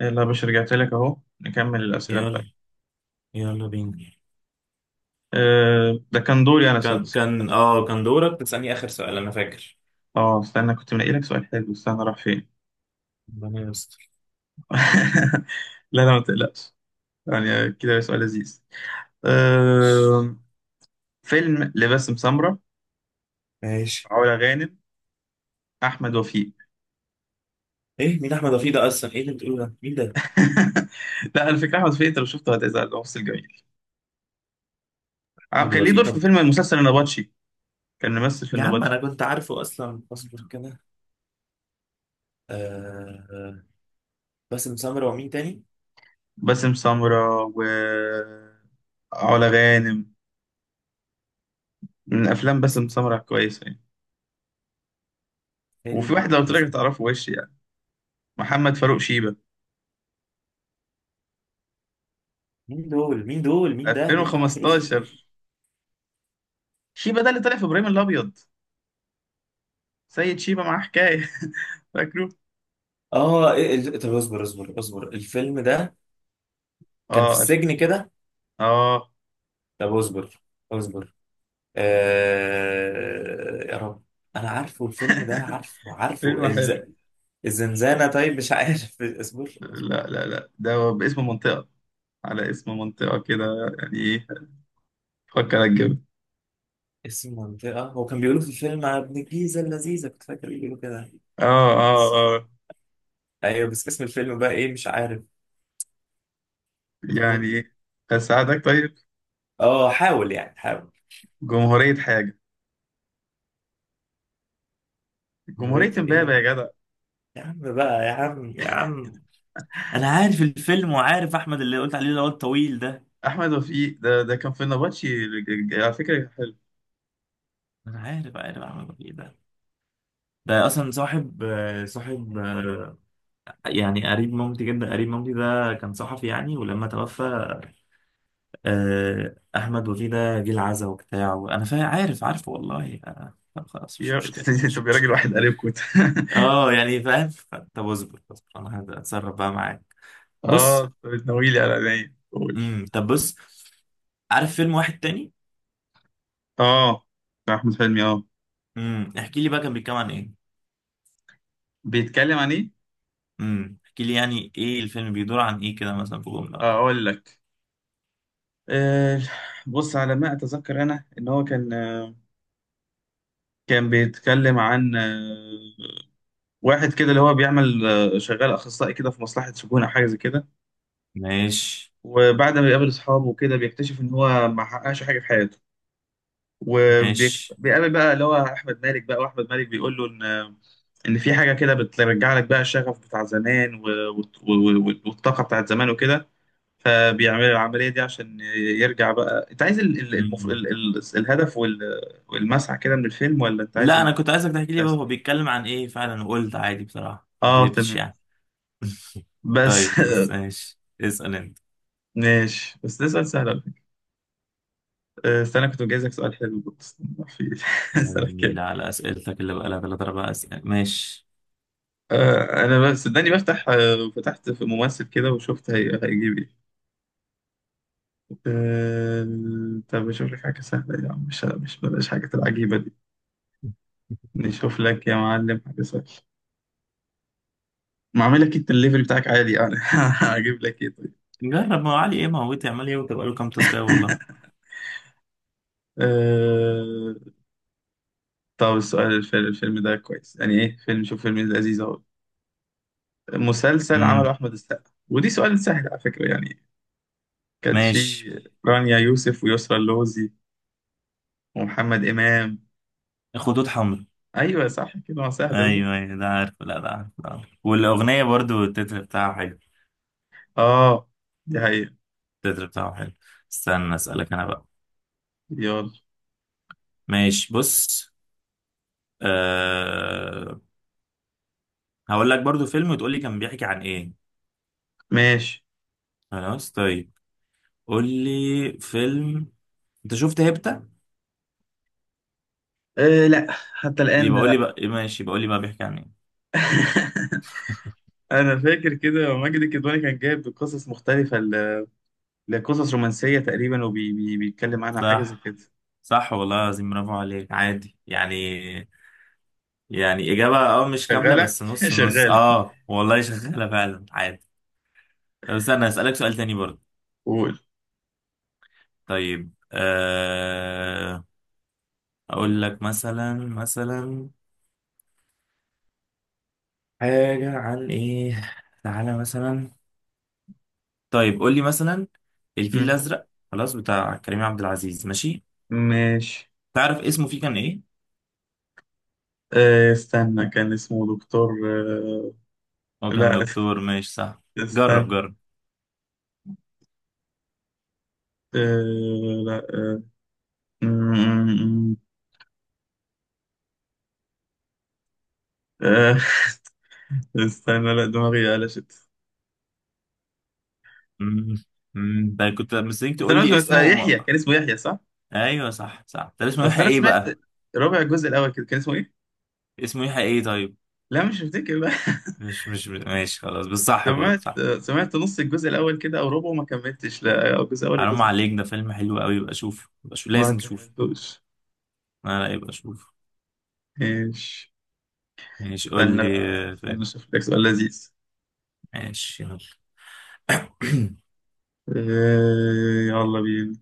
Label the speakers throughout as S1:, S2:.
S1: يلا يا باشا رجعت لك اهو نكمل الاسئله بتاعتك.
S2: يلا. يلا بينا.
S1: ده كان دوري انا، صدق
S2: كان كان
S1: استنى.
S2: اه كان دورك تسألني آخر سؤال أنا فاكر.
S1: اه استنى، كنت منقي لك سؤال حلو، استنى راح فين.
S2: ربنا يستر.
S1: لا لا ما تقلقش. يعني كده سؤال لذيذ. أه فيلم لباسم سمرة،
S2: ماشي.
S1: علا غانم، احمد وفيق.
S2: ايه، مين احمد وفيق ده اصلا؟ ايه اللي بتقوله ده؟ مين ده؟
S1: لا على فكره احمد وفيق انت لو شفته هتزعل، هو ممثل جميل.
S2: احمد
S1: كان ليه
S2: وفيق؟
S1: دور في
S2: طب
S1: فيلم المسلسل النبطشي. كان ممثل في
S2: يا عم، انا
S1: النبطشي.
S2: كنت عارفه اصلا، اصبر كده. آه. باسم سمرة ومين تاني؟
S1: باسم سمرة و علا غانم. من افلام باسم سمرة كويسه يعني.
S2: حلو.
S1: وفي واحد لو قلت لك
S2: باسم.
S1: هتعرفه وش يعني. محمد فاروق شيبة.
S2: مين دول، مين ده؟ مين محمد فلوشي ده؟
S1: 2015. شيبة ده اللي طلع في ابراهيم الابيض. سيد شيبة معاه حكاية. فاكره.
S2: اه، إيه ال-، طب اصبر اصبر اصبر، الفيلم ده كان في
S1: اه الف...
S2: السجن كده.
S1: اه
S2: طب اصبر. اصبر. آه يا رب. انا عارفه الفيلم ده، عارفه عارفه
S1: فيلم
S2: الز...،
S1: حلو.
S2: الزنزانة. طيب مش عارف، اصبر اصبر.
S1: لا لا لا ده باسم منطقة، على اسم منطقة كده. يعني ايه؟ فكر الجبل.
S2: اسم منطقة، هو كان بيقولوا في الفيلم على ابن الجيزة اللذيذة، كنت فاكر بيقولوا كده.
S1: اه اه
S2: بس-
S1: اه.
S2: ايوه بس اسم الفيلم بقى ايه؟ مش عارف.
S1: يعني
S2: اصبر.
S1: ايه؟ هساعدك طيب.
S2: اه حاول يعني، حاول.
S1: جمهورية حاجة، جمهورية
S2: مريت
S1: امبابة
S2: ايه؟
S1: يا جدع.
S2: يا عم بقى، يا عم يا عم، انا عارف الفيلم وعارف احمد اللي قلت عليه اللي هو الطويل ده.
S1: احمد وفيق ده كان في النبطشي، على فكرة حلو.
S2: انا عارف، عارف احمد الطويل ده. ده اصلا صاحب صاحب يعني قريب مامتي، جدا قريب مامتي، ده كان صحفي يعني، ولما توفى احمد وفيه ده جه العزا وبتاع، وانا فاهم، عارف عارف والله. طب خلاص، مش
S1: يا
S2: مشكله مش
S1: طب يا راجل
S2: مشكله.
S1: واحد قريبكم.
S2: اه يعني فاهم. طب اصبر اصبر، انا هتصرف بقى معاك. بص.
S1: اه، بتناويلي على عينيا، قول.
S2: طب بص، عارف فيلم واحد تاني؟
S1: اه، بتاع احمد حلمي، اه.
S2: احكي لي بقى كان بيتكلم عن ايه.
S1: بيتكلم عن ايه؟
S2: احكي لي يعني ايه الفيلم، بيدور عن ايه كده، مثلا في جمله
S1: آه،
S2: ولا حاجة.
S1: اقول لك. آه بص على ما اتذكر انا، ان هو كان، بيتكلم عن واحد كده اللي هو بيعمل، شغال اخصائي كده في مصلحة سجون او حاجة زي كده.
S2: ماشي.
S1: وبعد ما بيقابل اصحابه وكده، بيكتشف ان هو ما حققش حاجة في حياته.
S2: ماشي.
S1: وبيقابل بقى اللي هو احمد مالك، بقى واحمد مالك بيقول له ان في حاجه كده بترجع لك بقى الشغف بتاع زمان، والطاقه بتاعت زمان وكده. فبيعمل العمليه دي عشان يرجع بقى. انت عايز ال... ال... المف... ال... ال... الهدف والمسعى كده من الفيلم، ولا انت عايز
S2: لا، انا كنت عايزك تحكي لي بقى
S1: الاحساس؟
S2: هو بيتكلم عن ايه فعلا، وقلت عادي بصراحة، ما
S1: اه
S2: كدبتش
S1: تمام.
S2: يعني.
S1: بس.
S2: طيب خلاص ماشي، اسأل انت.
S1: ماشي. بس ده سؤال سهل على فكره. آه، استنى كنت مجهزك سؤال حلو بس ما في.
S2: يا بني
S1: اسالك كده.
S2: النيل على اسئلتك اللي بقى لها ثلاث اربع اسئله، ماشي.
S1: انا بس صدقني بفتح، فتحت في ممثل كده وشفت هيجيب ايه. آه، طب اشوف لك حاجة سهلة يا عم، مش بلاش حاجة العجيبة دي. نشوف لك يا معلم حاجة سهلة. ما اعمل لك، انت الليفل بتاعك عالي يعني. هجيب لك ايه طيب؟
S2: جرب، ما هو علي ايه؟ ما هو تعمل ايه وتبقى له كام تاسكايه والله.
S1: أه... طب السؤال، الفيلم ده كويس، يعني ايه فيلم، شوف فيلم لذيذ اهو. مسلسل
S2: امم
S1: عمله احمد السقا، ودي سؤال سهل على فكرة يعني. كانت في
S2: ماشي.
S1: رانيا يوسف ويسرا اللوزي ومحمد امام.
S2: خطوط حمراء.
S1: ايوه صح كده، ما سهل ده.
S2: ايوه ايوه ده عارف، لا ده عارف، ده عارف. والاغنيه برضو، التتر بتاعه حلو.
S1: اه، دي حقيقة.
S2: التتر بتاعه حلو. استنى اسالك انا بقى.
S1: يلا
S2: ماشي، بص. أه... هقول لك برضو فيلم وتقول لي كان بيحكي عن ايه.
S1: ماشي.
S2: خلاص طيب. قول لي. فيلم. انت شفت هيبتا؟
S1: لا، حتى الآن.
S2: يبقى قول لي بقى إيه، ماشي، يبقى قول لي بقى بيحكي عن ايه.
S1: انا فاكر كده ماجد الكدواني كان جايب قصص مختلفه لقصص رومانسيه تقريبا، وبيتكلم عنها حاجه زي
S2: صح.
S1: كده.
S2: صح والله العظيم، برافو عليك، عادي يعني. يعني اجابه اه مش كامله،
S1: شغاله
S2: بس نص نص،
S1: شغاله.
S2: اه والله شغاله فعلا، عادي. طب استنى اسالك سؤال تاني برضه.
S1: قول.
S2: طيب آه، اقول لك مثلا، مثلا حاجه عن ايه. تعالى مثلا. طيب قول لي مثلا، الفيل
S1: مم.
S2: الازرق خلاص، بتاع كريم عبد العزيز، ماشي.
S1: ماشي.
S2: تعرف اسمه فيه كان ايه؟
S1: آه، استنى، كان اسمه دكتور،
S2: هو كان
S1: لا،
S2: دكتور، ماشي صح. جرب،
S1: استنى.
S2: جرب.
S1: لا، مم، آه، استنى، لا دماغي قلشت.
S2: امم امم، ده كنت مستنيك
S1: بس
S2: تقول
S1: انا
S2: لي
S1: سمعت، آه،
S2: اسمه
S1: يحيى،
S2: وما...
S1: كان اسمه يحيى صح؟
S2: ايوه صح صح. طب اسمه
S1: اصل
S2: يحيى
S1: انا
S2: ايه
S1: سمعت
S2: بقى؟
S1: ربع الجزء الاول كده، كان اسمه ايه؟
S2: اسمه يحيى ايه؟ طيب
S1: لا مش هفتكر بقى.
S2: مش مش ماشي خلاص، بس صح، برضه
S1: سمعت،
S2: صح.
S1: سمعت نص الجزء الاول كده او ربعه، ما كملتش، لا، او الجزء الاول ولا
S2: حرام
S1: الجزء الثاني.
S2: عليك، ده فيلم حلو قوي، يبقى شوف، يبقى شوف
S1: ما
S2: لازم تشوفه.
S1: كملتوش.
S2: لا لا، يبقى شوف.
S1: ايش.
S2: ماشي، قول
S1: استنى
S2: لي.
S1: بقى، استنى
S2: فيلم.
S1: اشوف لك سؤال لذيذ.
S2: ماشي، يلا.
S1: إيه؟ يلا بينا.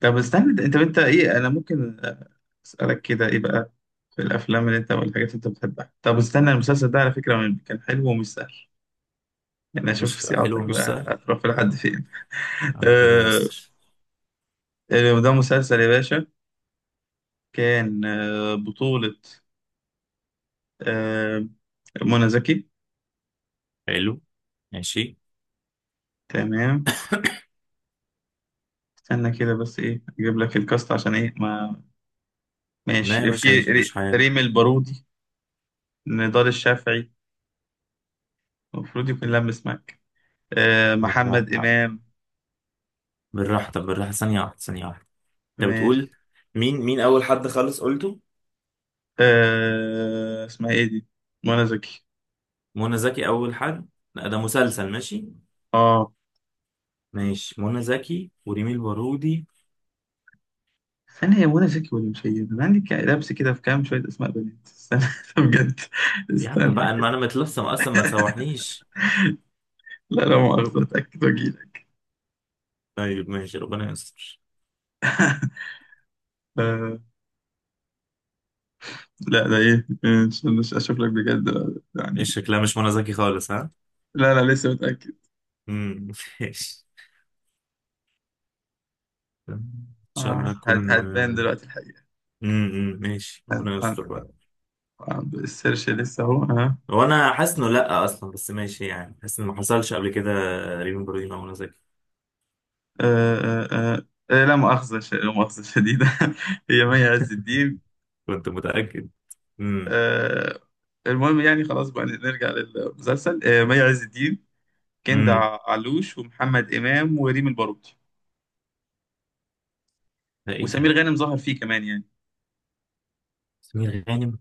S1: طب استنى، انت ايه، انا ممكن اسالك كده ايه بقى في الافلام اللي انت، والحاجات اللي انت بتحبها؟ طب استنى، المسلسل ده على فكره كان حلو ومش سهل، يعني اشوف
S2: مش
S1: صياعتك
S2: حلو مش
S1: بقى
S2: سهل.
S1: هتروح لحد فين.
S2: ربنا يستر.
S1: إيه ده، مسلسل يا باشا. كان بطولة، آه، منى زكي.
S2: حلو. ماشي.
S1: تمام. استنى كده بس، ايه، اجيب لك الكاست عشان ايه، ما
S2: لا يا
S1: ماشي.
S2: باشا،
S1: في
S2: عيش عيش حياتك.
S1: ريم البارودي، نضال الشافعي، المفروض يكون لمس معاك، آه محمد
S2: بالراحة.
S1: امام.
S2: بالراحة، طب بالراحة، ثانية واحدة ثانية واحدة. انت
S1: ماشي.
S2: بتقول مين، مين اول حد خالص قلته؟
S1: اسمها ايه دي، منى زكي.
S2: منى زكي اول حد؟ لا ده مسلسل، ماشي.
S1: اه
S2: ماشي، منى زكي وريمي البارودي.
S1: استنى، هي منى زكي ولا مش هي؟ انا عندي لبس كده في كام شويه اسماء بنات، استنى بجد.
S2: يا عم
S1: استنى
S2: بقى، ما
S1: كده.
S2: انا متلصم اصلا، ما تسوحنيش.
S1: لا، لا مؤاخذه، اتاكد واجيلك.
S2: طيب ماشي، ربنا يستر.
S1: آه لا ده ايه، استنى اشوف لك بجد يعني.
S2: ايش شكلها مش منى زكي خالص، ها؟
S1: لا، لا لسه متاكد.
S2: امم ماشي. ان شاء الله
S1: آه،
S2: اكون.
S1: هتبان دلوقتي الحقيقة.
S2: ماشي،
S1: هت-
S2: ربنا يستر بقى.
S1: هت- عند السيرش لسه اهو ها.
S2: هو انا حاسس انه لا اصلا، بس ماشي، يعني حاسس انه ما حصلش قبل كده. ريمي البارودي مع منى زكي؟
S1: آه، آه، آه، لا مؤاخذة شديدة. هي مي عز الدين.
S2: كنت متاكد. امم
S1: آه، المهم يعني، خلاص بقى نرجع للمسلسل. آه، مي عز الدين، كندا
S2: امم.
S1: علوش، ومحمد إمام، وريم الباروكي.
S2: ده ايه ده؟
S1: وسمير غانم ظهر فيه كمان يعني.
S2: سمير غانم؟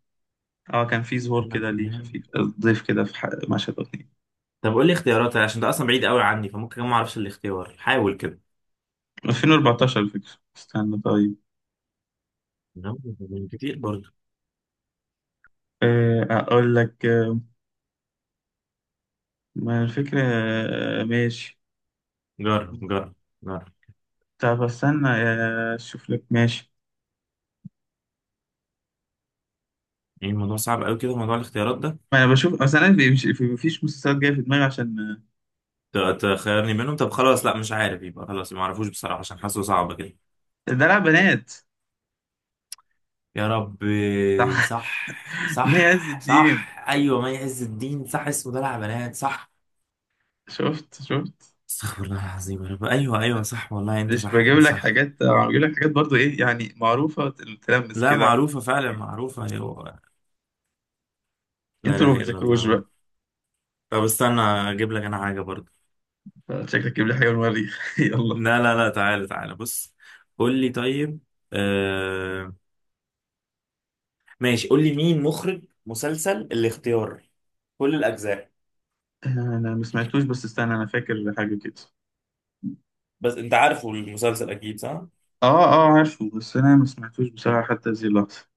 S1: اه كان في ظهور
S2: تمام
S1: كده ليه،
S2: تمام.
S1: خفيف، ضيف كده في مشهد او اتنين.
S2: طب قول لي اختيارات، عشان ده اصلا بعيد قوي عني، فممكن كمان ما اعرفش الاختيار، حاول كده.
S1: 2014 الفكرة. استنى طيب.
S2: لا، من كتير برضه.
S1: آه، اقول لك. ما الفكرة. ماشي.
S2: جرب جرب. جرب.
S1: طب استنى، اشوف لك. ماشي،
S2: يعني الموضوع صعب قوي كده، موضوع الاختيارات ده.
S1: ما انا بشوف اصلا، انا مفيش مسلسلات جايه في دماغي عشان.
S2: تخيرني منهم، طب خلاص، لا مش عارف، يبقى خلاص ما اعرفوش بصراحة، عشان حاسه صعب كده.
S1: آه، دلع بنات.
S2: يا رب.
S1: صح.
S2: صح.
S1: مي عز
S2: صح
S1: الدين.
S2: صح، ايوه مي عز الدين، صح اسمه ده بنات، صح.
S1: شفت شفت.
S2: استغفر الله العظيم، يا رب، ايوه ايوه
S1: انا
S2: صح والله، انت
S1: مش
S2: صح
S1: بجيب
S2: انت
S1: لك
S2: صح.
S1: حاجات، بجيب لك حاجات برضو ايه، يعني معروفه، تلمس
S2: لا
S1: كده.
S2: معروفة فعلا، معروفة، ايوه. لا
S1: انتوا اللي
S2: اله
S1: ما
S2: الا
S1: بتذاكروش
S2: الله.
S1: بقى.
S2: طب استنى اجيب لك انا حاجة برضه.
S1: شكلك جيب لي حاجه من المريخ. يلا.
S2: لا لا لا، تعالى تعالى بص. قول لي طيب. آه. ماشي، قول لي مين مخرج مسلسل الاختيار، كل الأجزاء.
S1: انا ما سمعتوش، بس استنى انا فاكر حاجه كده.
S2: بس أنت عارفه المسلسل أكيد، صح؟
S1: اه اه عارفه، بس انا ما سمعتوش بصراحه حتى هذه اللحظه.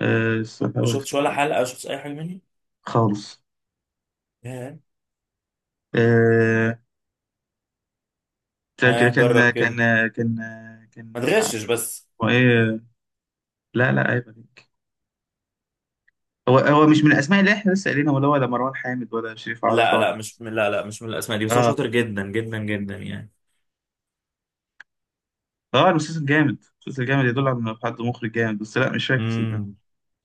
S1: بس
S2: ما
S1: هحاول
S2: شفتش ولا
S1: افتكر.
S2: حلقة؟ شفتش أي حاجة منه؟
S1: خالص.
S2: ياه.
S1: آه، كان كان
S2: آه جرب كده.
S1: كان كان
S2: ما
S1: كان.
S2: تغشش بس.
S1: هو ايه؟ لا لا عيب عليك. هو هو مش من الاسماء اللي احنا لسه قايلينها، ولا مروان حامد، ولا شريف عرفة،
S2: لا
S1: ولا
S2: لا، مش
S1: إيه؟
S2: من، لا لا مش من الأسماء دي، بس هو
S1: اه
S2: شاطر جدا جدا جدا يعني.
S1: اه، المسلسل جامد، المسلسل جامد، يدل على انه حد مخرج جامد، بس لا مش فاكر صدقني.
S2: امم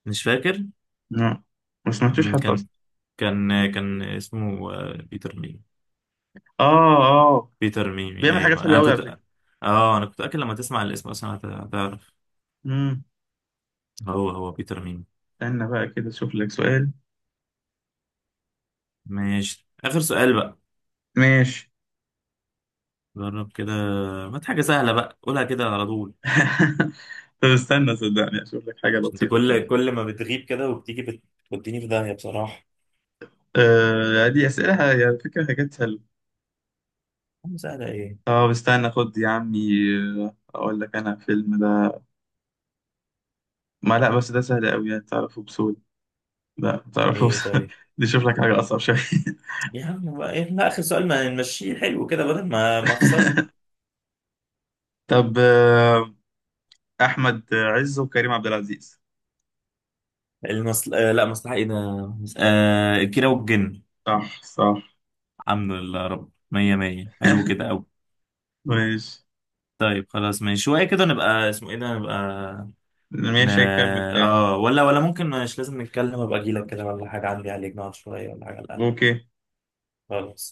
S2: مش فاكر.
S1: لا، ما سمعتوش
S2: مم،
S1: حتى اصلا.
S2: كان كان اسمه بيتر ميمي.
S1: اه اه،
S2: بيتر ميمي،
S1: بيعمل حاجات
S2: أيوه
S1: حلوه
S2: أنا
S1: قوي على
S2: كنت.
S1: فكره.
S2: اه انا كنت اكل، لما تسمع الاسم اصلا هتعرف.
S1: امم.
S2: هو هو بيتر ميمي.
S1: استنى بقى كده اشوف لك سؤال.
S2: ماشي، آخر سؤال بقى.
S1: ماشي.
S2: جرب كده، هات حاجة سهلة بقى، قولها كده على طول.
S1: طب استنى صدقني اشوف لك حاجه
S2: عشان انت
S1: لطيفه
S2: كل
S1: كده.
S2: كل ما بتغيب كده وبتيجي بتوديني في داهية بصراحة.
S1: دي اسئله على فكره، حاجات.
S2: عم سهلة ايه؟
S1: طب استنى خد يا عمي. آه، اقول لك، انا فيلم ده، ما، لا بس ده سهل قوي يعني تعرفه بسهوله. لا تعرفه
S2: ايه
S1: بسهوله،
S2: طيب.
S1: دي شوف لك حاجه اصعب شويه.
S2: يا عم بقى إيه؟ لا آخر سؤال ما نمشيه حلو كده، بدل ما ما أخسر.
S1: طب، احمد عز وكريم عبد العزيز.
S2: المصل...، آه لا مصلحة ايه ده؟ آه، الكيرة والجن.
S1: صح صح.
S2: الحمد لله يا رب، مية مية، حلو كده أوي.
S1: ماشي.
S2: طيب خلاص ماشي، شوية كده نبقى، اسمه ايه ده، نبقى. ن-
S1: ماشي هنكمل تاني.
S2: اه ولا ولا ممكن مش لازم نتكلم، ابقى اجي لك كده ولا حاجه، عندي عليك نقعد شويه ولا حاجه؟ لا.
S1: اوكي.
S2: خلاص.